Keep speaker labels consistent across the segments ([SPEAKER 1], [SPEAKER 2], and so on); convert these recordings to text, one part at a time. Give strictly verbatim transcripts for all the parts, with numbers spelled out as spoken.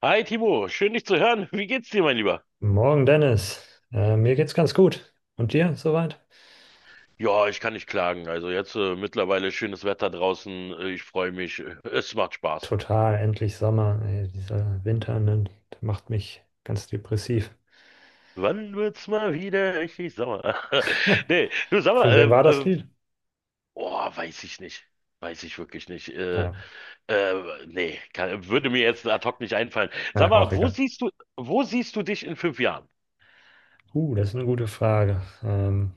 [SPEAKER 1] Hi Timo, schön dich zu hören. Wie geht's dir, mein Lieber?
[SPEAKER 2] Morgen, Dennis. Äh, mir geht's ganz gut. Und dir soweit?
[SPEAKER 1] Ja, ich kann nicht klagen. Also jetzt äh, mittlerweile schönes Wetter draußen. Äh, Ich freue mich. Äh, Es macht Spaß.
[SPEAKER 2] Total, endlich Sommer. Ey, dieser Winter, ne, der macht mich ganz depressiv.
[SPEAKER 1] Wann wird's mal wieder richtig sauer? Nee, du sag mal,
[SPEAKER 2] Von
[SPEAKER 1] äh,
[SPEAKER 2] wem war das
[SPEAKER 1] äh,
[SPEAKER 2] Lied?
[SPEAKER 1] oh, weiß ich nicht. Weiß ich wirklich nicht. Äh,
[SPEAKER 2] Naja,
[SPEAKER 1] äh, nee, kann, würde mir jetzt ad hoc nicht einfallen. Sag
[SPEAKER 2] äh, auch
[SPEAKER 1] mal, wo
[SPEAKER 2] egal.
[SPEAKER 1] siehst du, wo siehst du dich in fünf Jahren?
[SPEAKER 2] Uh, das ist eine gute Frage. Ähm,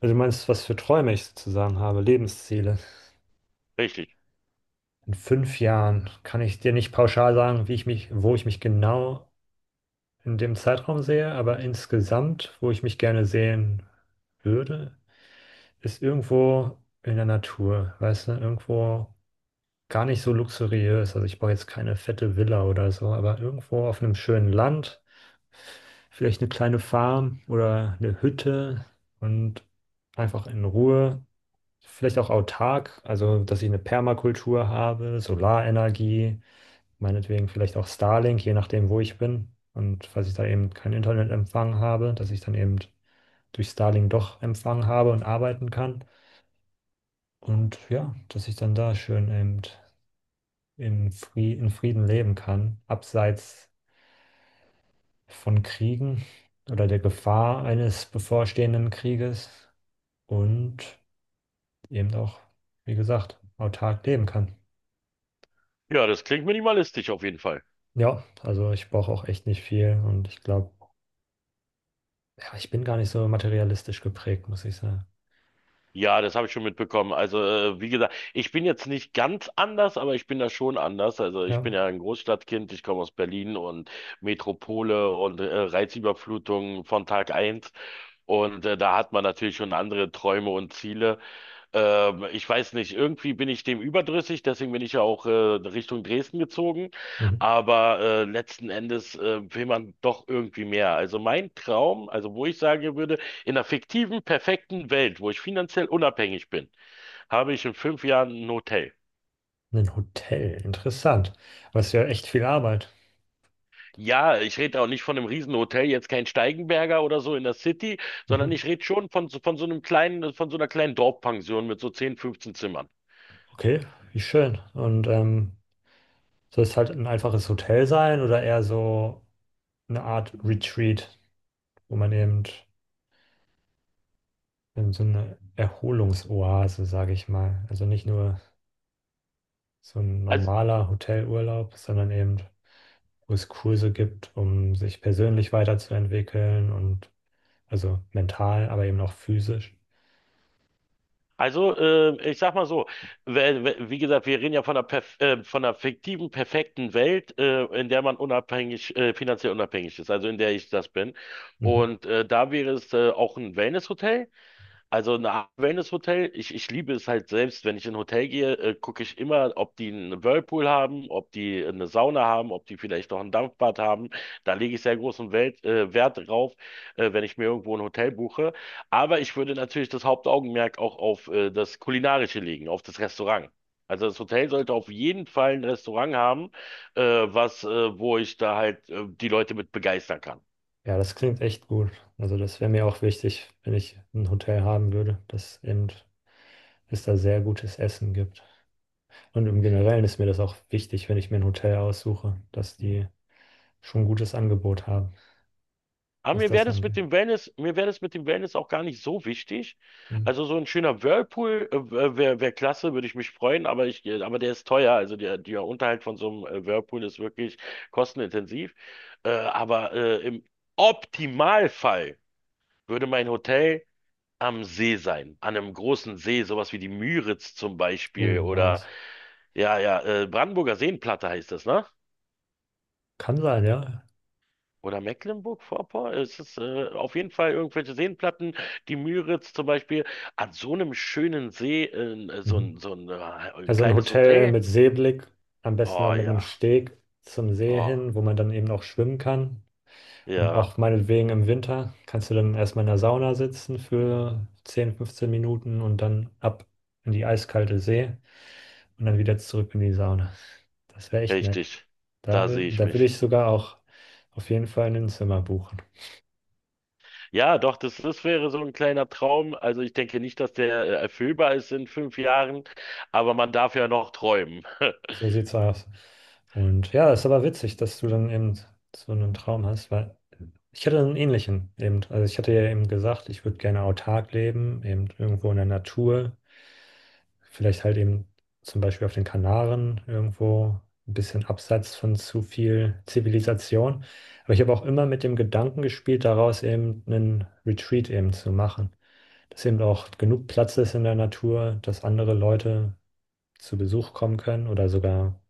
[SPEAKER 2] Also du meinst, was für Träume ich sozusagen habe, Lebensziele.
[SPEAKER 1] Richtig.
[SPEAKER 2] In fünf Jahren kann ich dir nicht pauschal sagen, wie ich mich, wo ich mich genau in dem Zeitraum sehe, aber insgesamt, wo ich mich gerne sehen würde, ist irgendwo in der Natur, weißt du, irgendwo gar nicht so luxuriös. Also ich brauche jetzt keine fette Villa oder so, aber irgendwo auf einem schönen Land, vielleicht eine kleine Farm oder eine Hütte und einfach in Ruhe. Vielleicht auch autark, also dass ich eine Permakultur habe, Solarenergie, meinetwegen vielleicht auch Starlink, je nachdem, wo ich bin. Und falls ich da eben keinen Internetempfang habe, dass ich dann eben durch Starlink doch Empfang habe und arbeiten kann. Und ja, dass ich dann da schön eben in Fri- in Frieden leben kann, abseits von Kriegen oder der Gefahr eines bevorstehenden Krieges und eben auch, wie gesagt, autark leben kann.
[SPEAKER 1] Ja, das klingt minimalistisch auf jeden Fall.
[SPEAKER 2] Ja, also ich brauche auch echt nicht viel und ich glaube, ja, ich bin gar nicht so materialistisch geprägt, muss ich sagen.
[SPEAKER 1] Ja, das habe ich schon mitbekommen. Also, äh, wie gesagt, ich bin jetzt nicht ganz anders, aber ich bin da schon anders. Also, ich
[SPEAKER 2] Ja,
[SPEAKER 1] bin ja ein Großstadtkind, ich komme aus Berlin und Metropole und äh, Reizüberflutung von Tag eins. Und äh, da hat man natürlich schon andere Träume und Ziele. Ähm, ich weiß nicht, irgendwie bin ich dem überdrüssig, deswegen bin ich ja auch äh, Richtung Dresden gezogen.
[SPEAKER 2] mhm.
[SPEAKER 1] Aber äh, letzten Endes äh, will man doch irgendwie mehr. Also mein Traum, also wo ich sagen würde, in einer fiktiven, perfekten Welt, wo ich finanziell unabhängig bin, habe ich in fünf Jahren ein Hotel.
[SPEAKER 2] Ein Hotel, interessant. Aber es ist ja echt viel Arbeit.
[SPEAKER 1] Ja, ich rede auch nicht von einem Riesenhotel, jetzt kein Steigenberger oder so in der City, sondern
[SPEAKER 2] Mhm.
[SPEAKER 1] ich rede schon von, so- von so einem kleinen, von so einer kleinen Dorfpension mit so zehn fünfzehn Zimmern.
[SPEAKER 2] Okay, wie schön. Und ähm, Soll es halt ein einfaches Hotel sein oder eher so eine Art Retreat, wo man eben in so eine Erholungsoase, sage ich mal. Also nicht nur so ein
[SPEAKER 1] Also,
[SPEAKER 2] normaler Hotelurlaub, sondern eben, wo es Kurse gibt, um sich persönlich weiterzuentwickeln und also mental, aber eben auch physisch.
[SPEAKER 1] also äh, ich sag mal so, we- we- wie gesagt, wir reden ja von einer, perf äh, von einer fiktiven, perfekten Welt, äh, in der man unabhängig, äh, finanziell unabhängig ist, also in der ich das bin.
[SPEAKER 2] Mhm.
[SPEAKER 1] Und äh, da wäre es äh, auch ein Wellnesshotel. Also eine Art Wellness-Hotel, ich, ich liebe es halt selbst, wenn ich in ein Hotel gehe, äh, gucke ich immer, ob die einen Whirlpool haben, ob die eine Sauna haben, ob die vielleicht noch ein Dampfbad haben. Da lege ich sehr großen Welt, äh, Wert drauf, äh, wenn ich mir irgendwo ein Hotel buche. Aber ich würde natürlich das Hauptaugenmerk auch auf äh, das Kulinarische legen, auf das Restaurant. Also das Hotel sollte auf jeden Fall ein Restaurant haben, äh, was, äh, wo ich da halt äh, die Leute mit begeistern kann.
[SPEAKER 2] Ja, das klingt echt gut. Also das wäre mir auch wichtig, wenn ich ein Hotel haben würde, dass eben es da sehr gutes Essen gibt. Und im Generellen ist mir das auch wichtig, wenn ich mir ein Hotel aussuche, dass die schon ein gutes Angebot haben,
[SPEAKER 1] Aber
[SPEAKER 2] was
[SPEAKER 1] mir wäre
[SPEAKER 2] das
[SPEAKER 1] das mit
[SPEAKER 2] angeht.
[SPEAKER 1] dem Wellness, mir wäre das mit dem Wellness auch gar nicht so wichtig.
[SPEAKER 2] Mhm.
[SPEAKER 1] Also so ein schöner Whirlpool äh, wäre wär klasse, würde ich mich freuen, aber ich, äh, aber der ist teuer. Also der, der Unterhalt von so einem äh, Whirlpool ist wirklich kostenintensiv. Äh, aber äh, im Optimalfall würde mein Hotel am See sein, an einem großen See, sowas wie die Müritz zum Beispiel
[SPEAKER 2] Oh,
[SPEAKER 1] oder
[SPEAKER 2] nice.
[SPEAKER 1] ja, ja, äh, Brandenburger Seenplatte heißt das, ne?
[SPEAKER 2] Kann sein, ja.
[SPEAKER 1] Oder Mecklenburg-Vorpommern? Es ist äh, auf jeden Fall irgendwelche Seenplatten. Die Müritz zum Beispiel, an so einem schönen See, äh, so
[SPEAKER 2] Mhm.
[SPEAKER 1] ein, so ein, äh, ein
[SPEAKER 2] Also ein
[SPEAKER 1] kleines
[SPEAKER 2] Hotel
[SPEAKER 1] Hotel.
[SPEAKER 2] mit Seeblick, am besten auch
[SPEAKER 1] Oh
[SPEAKER 2] mit einem
[SPEAKER 1] ja,
[SPEAKER 2] Steg zum See
[SPEAKER 1] oh
[SPEAKER 2] hin, wo man dann eben auch schwimmen kann. Und
[SPEAKER 1] ja,
[SPEAKER 2] auch meinetwegen im Winter kannst du dann erstmal in der Sauna sitzen für zehn, fünfzehn Minuten und dann ab in die eiskalte See und dann wieder zurück in die Sauna. Das wäre echt nett.
[SPEAKER 1] richtig.
[SPEAKER 2] Da,
[SPEAKER 1] Da sehe ich
[SPEAKER 2] da will
[SPEAKER 1] mich.
[SPEAKER 2] ich sogar auch auf jeden Fall ein Zimmer buchen.
[SPEAKER 1] Ja, doch, das, das wäre so ein kleiner Traum. Also ich denke nicht, dass der äh, erfüllbar ist in fünf Jahren, aber man darf ja noch träumen.
[SPEAKER 2] So sieht's aus. Und ja, ist aber witzig, dass du dann eben so einen Traum hast, weil ich hatte einen ähnlichen eben. Also ich hatte ja eben gesagt, ich würde gerne autark leben, eben irgendwo in der Natur. Vielleicht halt eben zum Beispiel auf den Kanaren irgendwo ein bisschen abseits von zu viel Zivilisation. Aber ich habe auch immer mit dem Gedanken gespielt, daraus eben einen Retreat eben zu machen. Dass eben auch genug Platz ist in der Natur, dass andere Leute zu Besuch kommen können oder sogar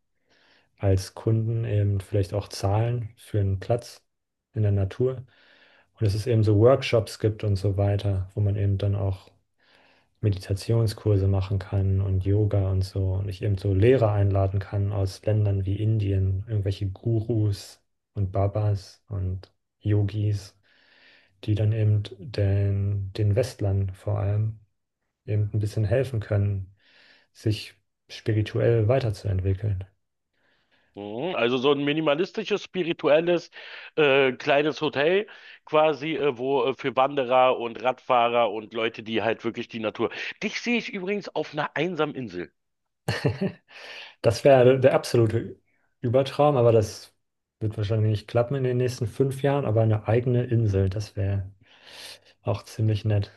[SPEAKER 2] als Kunden eben vielleicht auch zahlen für einen Platz in der Natur. Und dass es eben so Workshops gibt und so weiter, wo man eben dann auch Meditationskurse machen kann und Yoga und so und ich eben so Lehrer einladen kann aus Ländern wie Indien, irgendwelche Gurus und Babas und Yogis, die dann eben den, den Westlern vor allem eben ein bisschen helfen können, sich spirituell weiterzuentwickeln.
[SPEAKER 1] Mhm. Also so ein minimalistisches, spirituelles, äh, kleines Hotel quasi, äh, wo äh, für Wanderer und Radfahrer und Leute, die halt wirklich die Natur. Dich sehe ich übrigens auf einer einsamen Insel.
[SPEAKER 2] Das wäre der absolute Übertraum, aber das wird wahrscheinlich nicht klappen in den nächsten fünf Jahren, aber eine eigene Insel, das wäre auch ziemlich nett.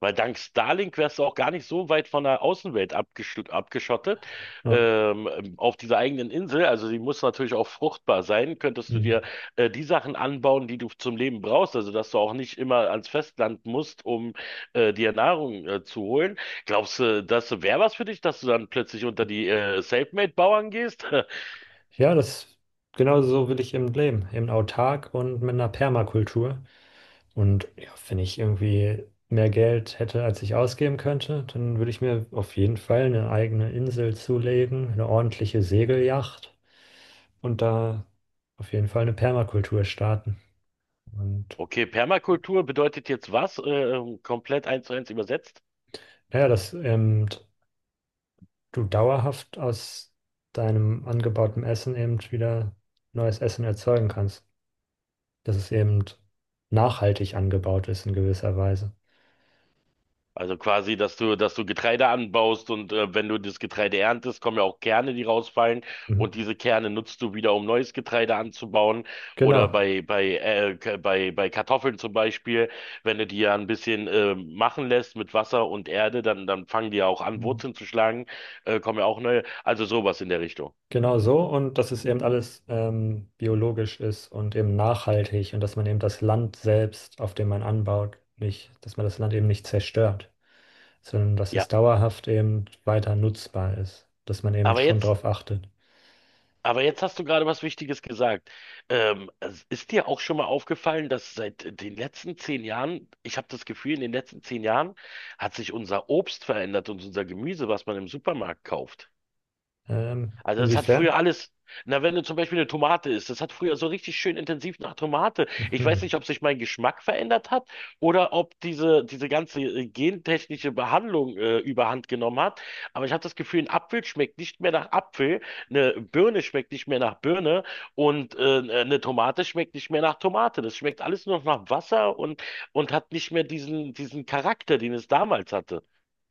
[SPEAKER 1] Weil dank Starlink wärst du auch gar nicht so weit von der Außenwelt abgesch abgeschottet,
[SPEAKER 2] Ja.
[SPEAKER 1] ähm, ähm, auf dieser eigenen Insel. Also sie muss natürlich auch fruchtbar sein. Könntest du
[SPEAKER 2] Hm.
[SPEAKER 1] dir äh, die Sachen anbauen, die du zum Leben brauchst, also dass du auch nicht immer ans Festland musst, um äh, dir Nahrung äh, zu holen. Glaubst du, das wäre was für dich, dass du dann plötzlich unter die äh, Selfmade-Bauern gehst?
[SPEAKER 2] Ja, das genau so will ich eben leben, eben autark und mit einer Permakultur. Und ja, wenn ich irgendwie mehr Geld hätte, als ich ausgeben könnte, dann würde ich mir auf jeden Fall eine eigene Insel zulegen, eine ordentliche Segeljacht und da auf jeden Fall eine Permakultur starten. Und
[SPEAKER 1] Okay, Permakultur bedeutet jetzt was? Äh, komplett eins zu eins übersetzt?
[SPEAKER 2] ja, dass eben du dauerhaft aus deinem angebauten Essen eben wieder neues Essen erzeugen kannst, dass es eben nachhaltig angebaut ist in gewisser Weise.
[SPEAKER 1] Also quasi, dass du, dass du Getreide anbaust und äh, wenn du das Getreide erntest, kommen ja auch Kerne, die rausfallen
[SPEAKER 2] Mhm.
[SPEAKER 1] und diese Kerne nutzt du wieder, um neues Getreide anzubauen oder
[SPEAKER 2] Genau.
[SPEAKER 1] bei bei äh, K- bei bei Kartoffeln zum Beispiel, wenn du die ja ein bisschen äh, machen lässt mit Wasser und Erde, dann dann fangen die ja auch an,
[SPEAKER 2] Mhm.
[SPEAKER 1] Wurzeln zu schlagen, äh, kommen ja auch neue, also sowas in der Richtung.
[SPEAKER 2] Genau so. Und dass es eben alles ähm, biologisch ist und eben nachhaltig und dass man eben das Land selbst, auf dem man anbaut, nicht, dass man das Land eben nicht zerstört, sondern dass
[SPEAKER 1] Ja,
[SPEAKER 2] es dauerhaft eben weiter nutzbar ist, dass man eben
[SPEAKER 1] aber
[SPEAKER 2] schon
[SPEAKER 1] jetzt
[SPEAKER 2] darauf achtet.
[SPEAKER 1] Aber jetzt hast du gerade was Wichtiges gesagt. Ähm, es ist dir auch schon mal aufgefallen, dass seit den letzten zehn Jahren, ich habe das Gefühl, in den letzten zehn Jahren hat sich unser Obst verändert und unser Gemüse, was man im Supermarkt kauft.
[SPEAKER 2] Ähm,
[SPEAKER 1] Also das hat früher
[SPEAKER 2] inwiefern?
[SPEAKER 1] alles. Na, wenn du zum Beispiel eine Tomate isst, das hat früher so richtig schön intensiv nach Tomate. Ich weiß
[SPEAKER 2] Mhm.
[SPEAKER 1] nicht, ob sich mein Geschmack verändert hat oder ob diese, diese ganze äh, gentechnische Behandlung äh, überhand genommen hat. Aber ich habe das Gefühl, ein Apfel schmeckt nicht mehr nach Apfel, eine Birne schmeckt nicht mehr nach Birne und äh, eine Tomate schmeckt nicht mehr nach Tomate. Das schmeckt alles nur noch nach Wasser und, und hat nicht mehr diesen, diesen Charakter, den es damals hatte.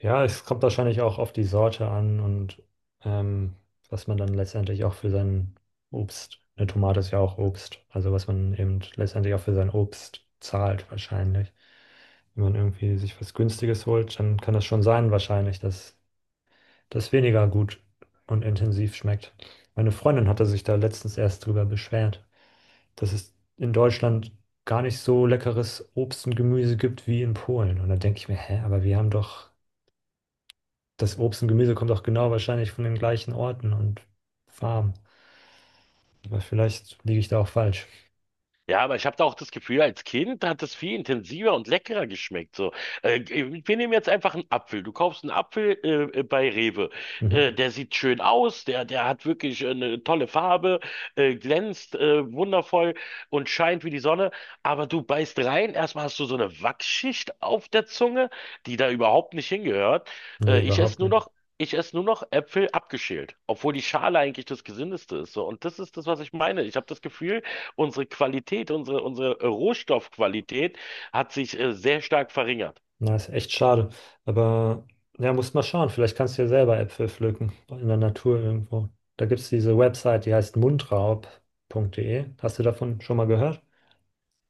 [SPEAKER 2] Ja, es kommt wahrscheinlich auch auf die Sorte an und ähm, was man dann letztendlich auch für sein Obst, eine Tomate ist ja auch Obst, also was man eben letztendlich auch für sein Obst zahlt wahrscheinlich. Wenn man irgendwie sich was Günstiges holt, dann kann das schon sein wahrscheinlich, dass das weniger gut und intensiv schmeckt. Meine Freundin hatte sich da letztens erst drüber beschwert, dass es in Deutschland gar nicht so leckeres Obst und Gemüse gibt wie in Polen. Und da denke ich mir, hä, aber wir haben doch das Obst und Gemüse kommt auch genau wahrscheinlich von den gleichen Orten und Farmen. Aber vielleicht liege ich da auch falsch.
[SPEAKER 1] Ja, aber ich habe da auch das Gefühl, als Kind hat es viel intensiver und leckerer geschmeckt. So, äh, wir nehmen jetzt einfach einen Apfel. Du kaufst einen Apfel äh, äh, bei Rewe.
[SPEAKER 2] Mhm.
[SPEAKER 1] Äh, der sieht schön aus, der, der hat wirklich eine tolle Farbe, äh, glänzt äh, wundervoll und scheint wie die Sonne. Aber du beißt rein, erstmal hast du so eine Wachsschicht auf der Zunge, die da überhaupt nicht hingehört.
[SPEAKER 2] Nee,
[SPEAKER 1] Äh, ich esse
[SPEAKER 2] überhaupt
[SPEAKER 1] nur
[SPEAKER 2] nicht.
[SPEAKER 1] noch Ich esse nur noch Äpfel abgeschält, obwohl die Schale eigentlich das Gesündeste ist. So. Und das ist das, was ich meine. Ich habe das Gefühl, unsere Qualität, unsere, unsere Rohstoffqualität hat sich äh, sehr stark verringert.
[SPEAKER 2] Na, ist echt schade. Aber ja, musst mal schauen. Vielleicht kannst du ja selber Äpfel pflücken in der Natur irgendwo. Da gibt es diese Website, die heißt mundraub Punkt de. Hast du davon schon mal gehört?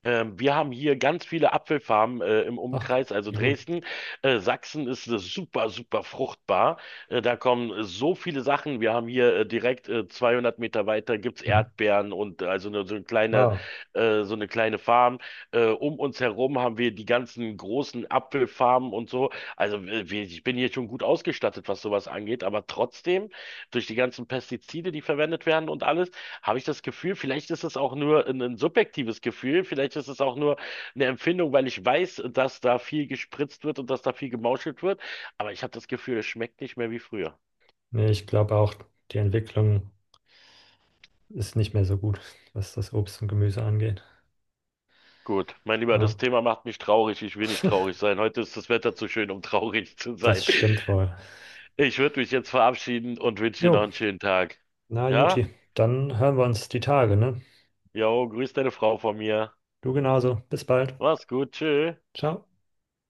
[SPEAKER 1] Ähm, wir haben hier ganz viele Apfelfarmen äh, im
[SPEAKER 2] Ach,
[SPEAKER 1] Umkreis, also
[SPEAKER 2] wie gut.
[SPEAKER 1] Dresden. Äh, Sachsen ist äh, super, super fruchtbar. Äh, da kommen äh, so viele Sachen. Wir haben hier äh, direkt äh, zweihundert Meter weiter gibt's
[SPEAKER 2] Mhm.
[SPEAKER 1] Erdbeeren und äh, also eine, so eine kleine,
[SPEAKER 2] Wow.
[SPEAKER 1] äh, so eine kleine Farm. Äh, um uns herum haben wir die ganzen großen Apfelfarmen und so. Also äh, wir- ich bin hier schon gut ausgestattet, was sowas angeht, aber trotzdem durch die ganzen Pestizide, die verwendet werden und alles, habe ich das Gefühl, vielleicht ist es auch nur ein, ein subjektives Gefühl, vielleicht ist es auch nur eine Empfindung, weil ich weiß, dass da viel gespritzt wird und dass da viel gemauschelt wird, aber ich habe das Gefühl, es schmeckt nicht mehr wie früher.
[SPEAKER 2] Nee, ich glaube auch, die Entwicklung ist nicht mehr so gut, was das Obst und Gemüse angeht.
[SPEAKER 1] Gut, mein Lieber,
[SPEAKER 2] Ja,
[SPEAKER 1] das Thema macht mich traurig. Ich will nicht traurig sein. Heute ist das Wetter zu schön, um traurig zu
[SPEAKER 2] das
[SPEAKER 1] sein.
[SPEAKER 2] stimmt wohl.
[SPEAKER 1] Ich würde mich jetzt verabschieden und wünsche dir
[SPEAKER 2] Jo.
[SPEAKER 1] noch einen schönen Tag.
[SPEAKER 2] Na,
[SPEAKER 1] Ja?
[SPEAKER 2] Juti, dann hören wir uns die Tage, ne?
[SPEAKER 1] Jo, grüß deine Frau von mir.
[SPEAKER 2] Du genauso. Bis bald.
[SPEAKER 1] Mach's gut, tschö.
[SPEAKER 2] Ciao.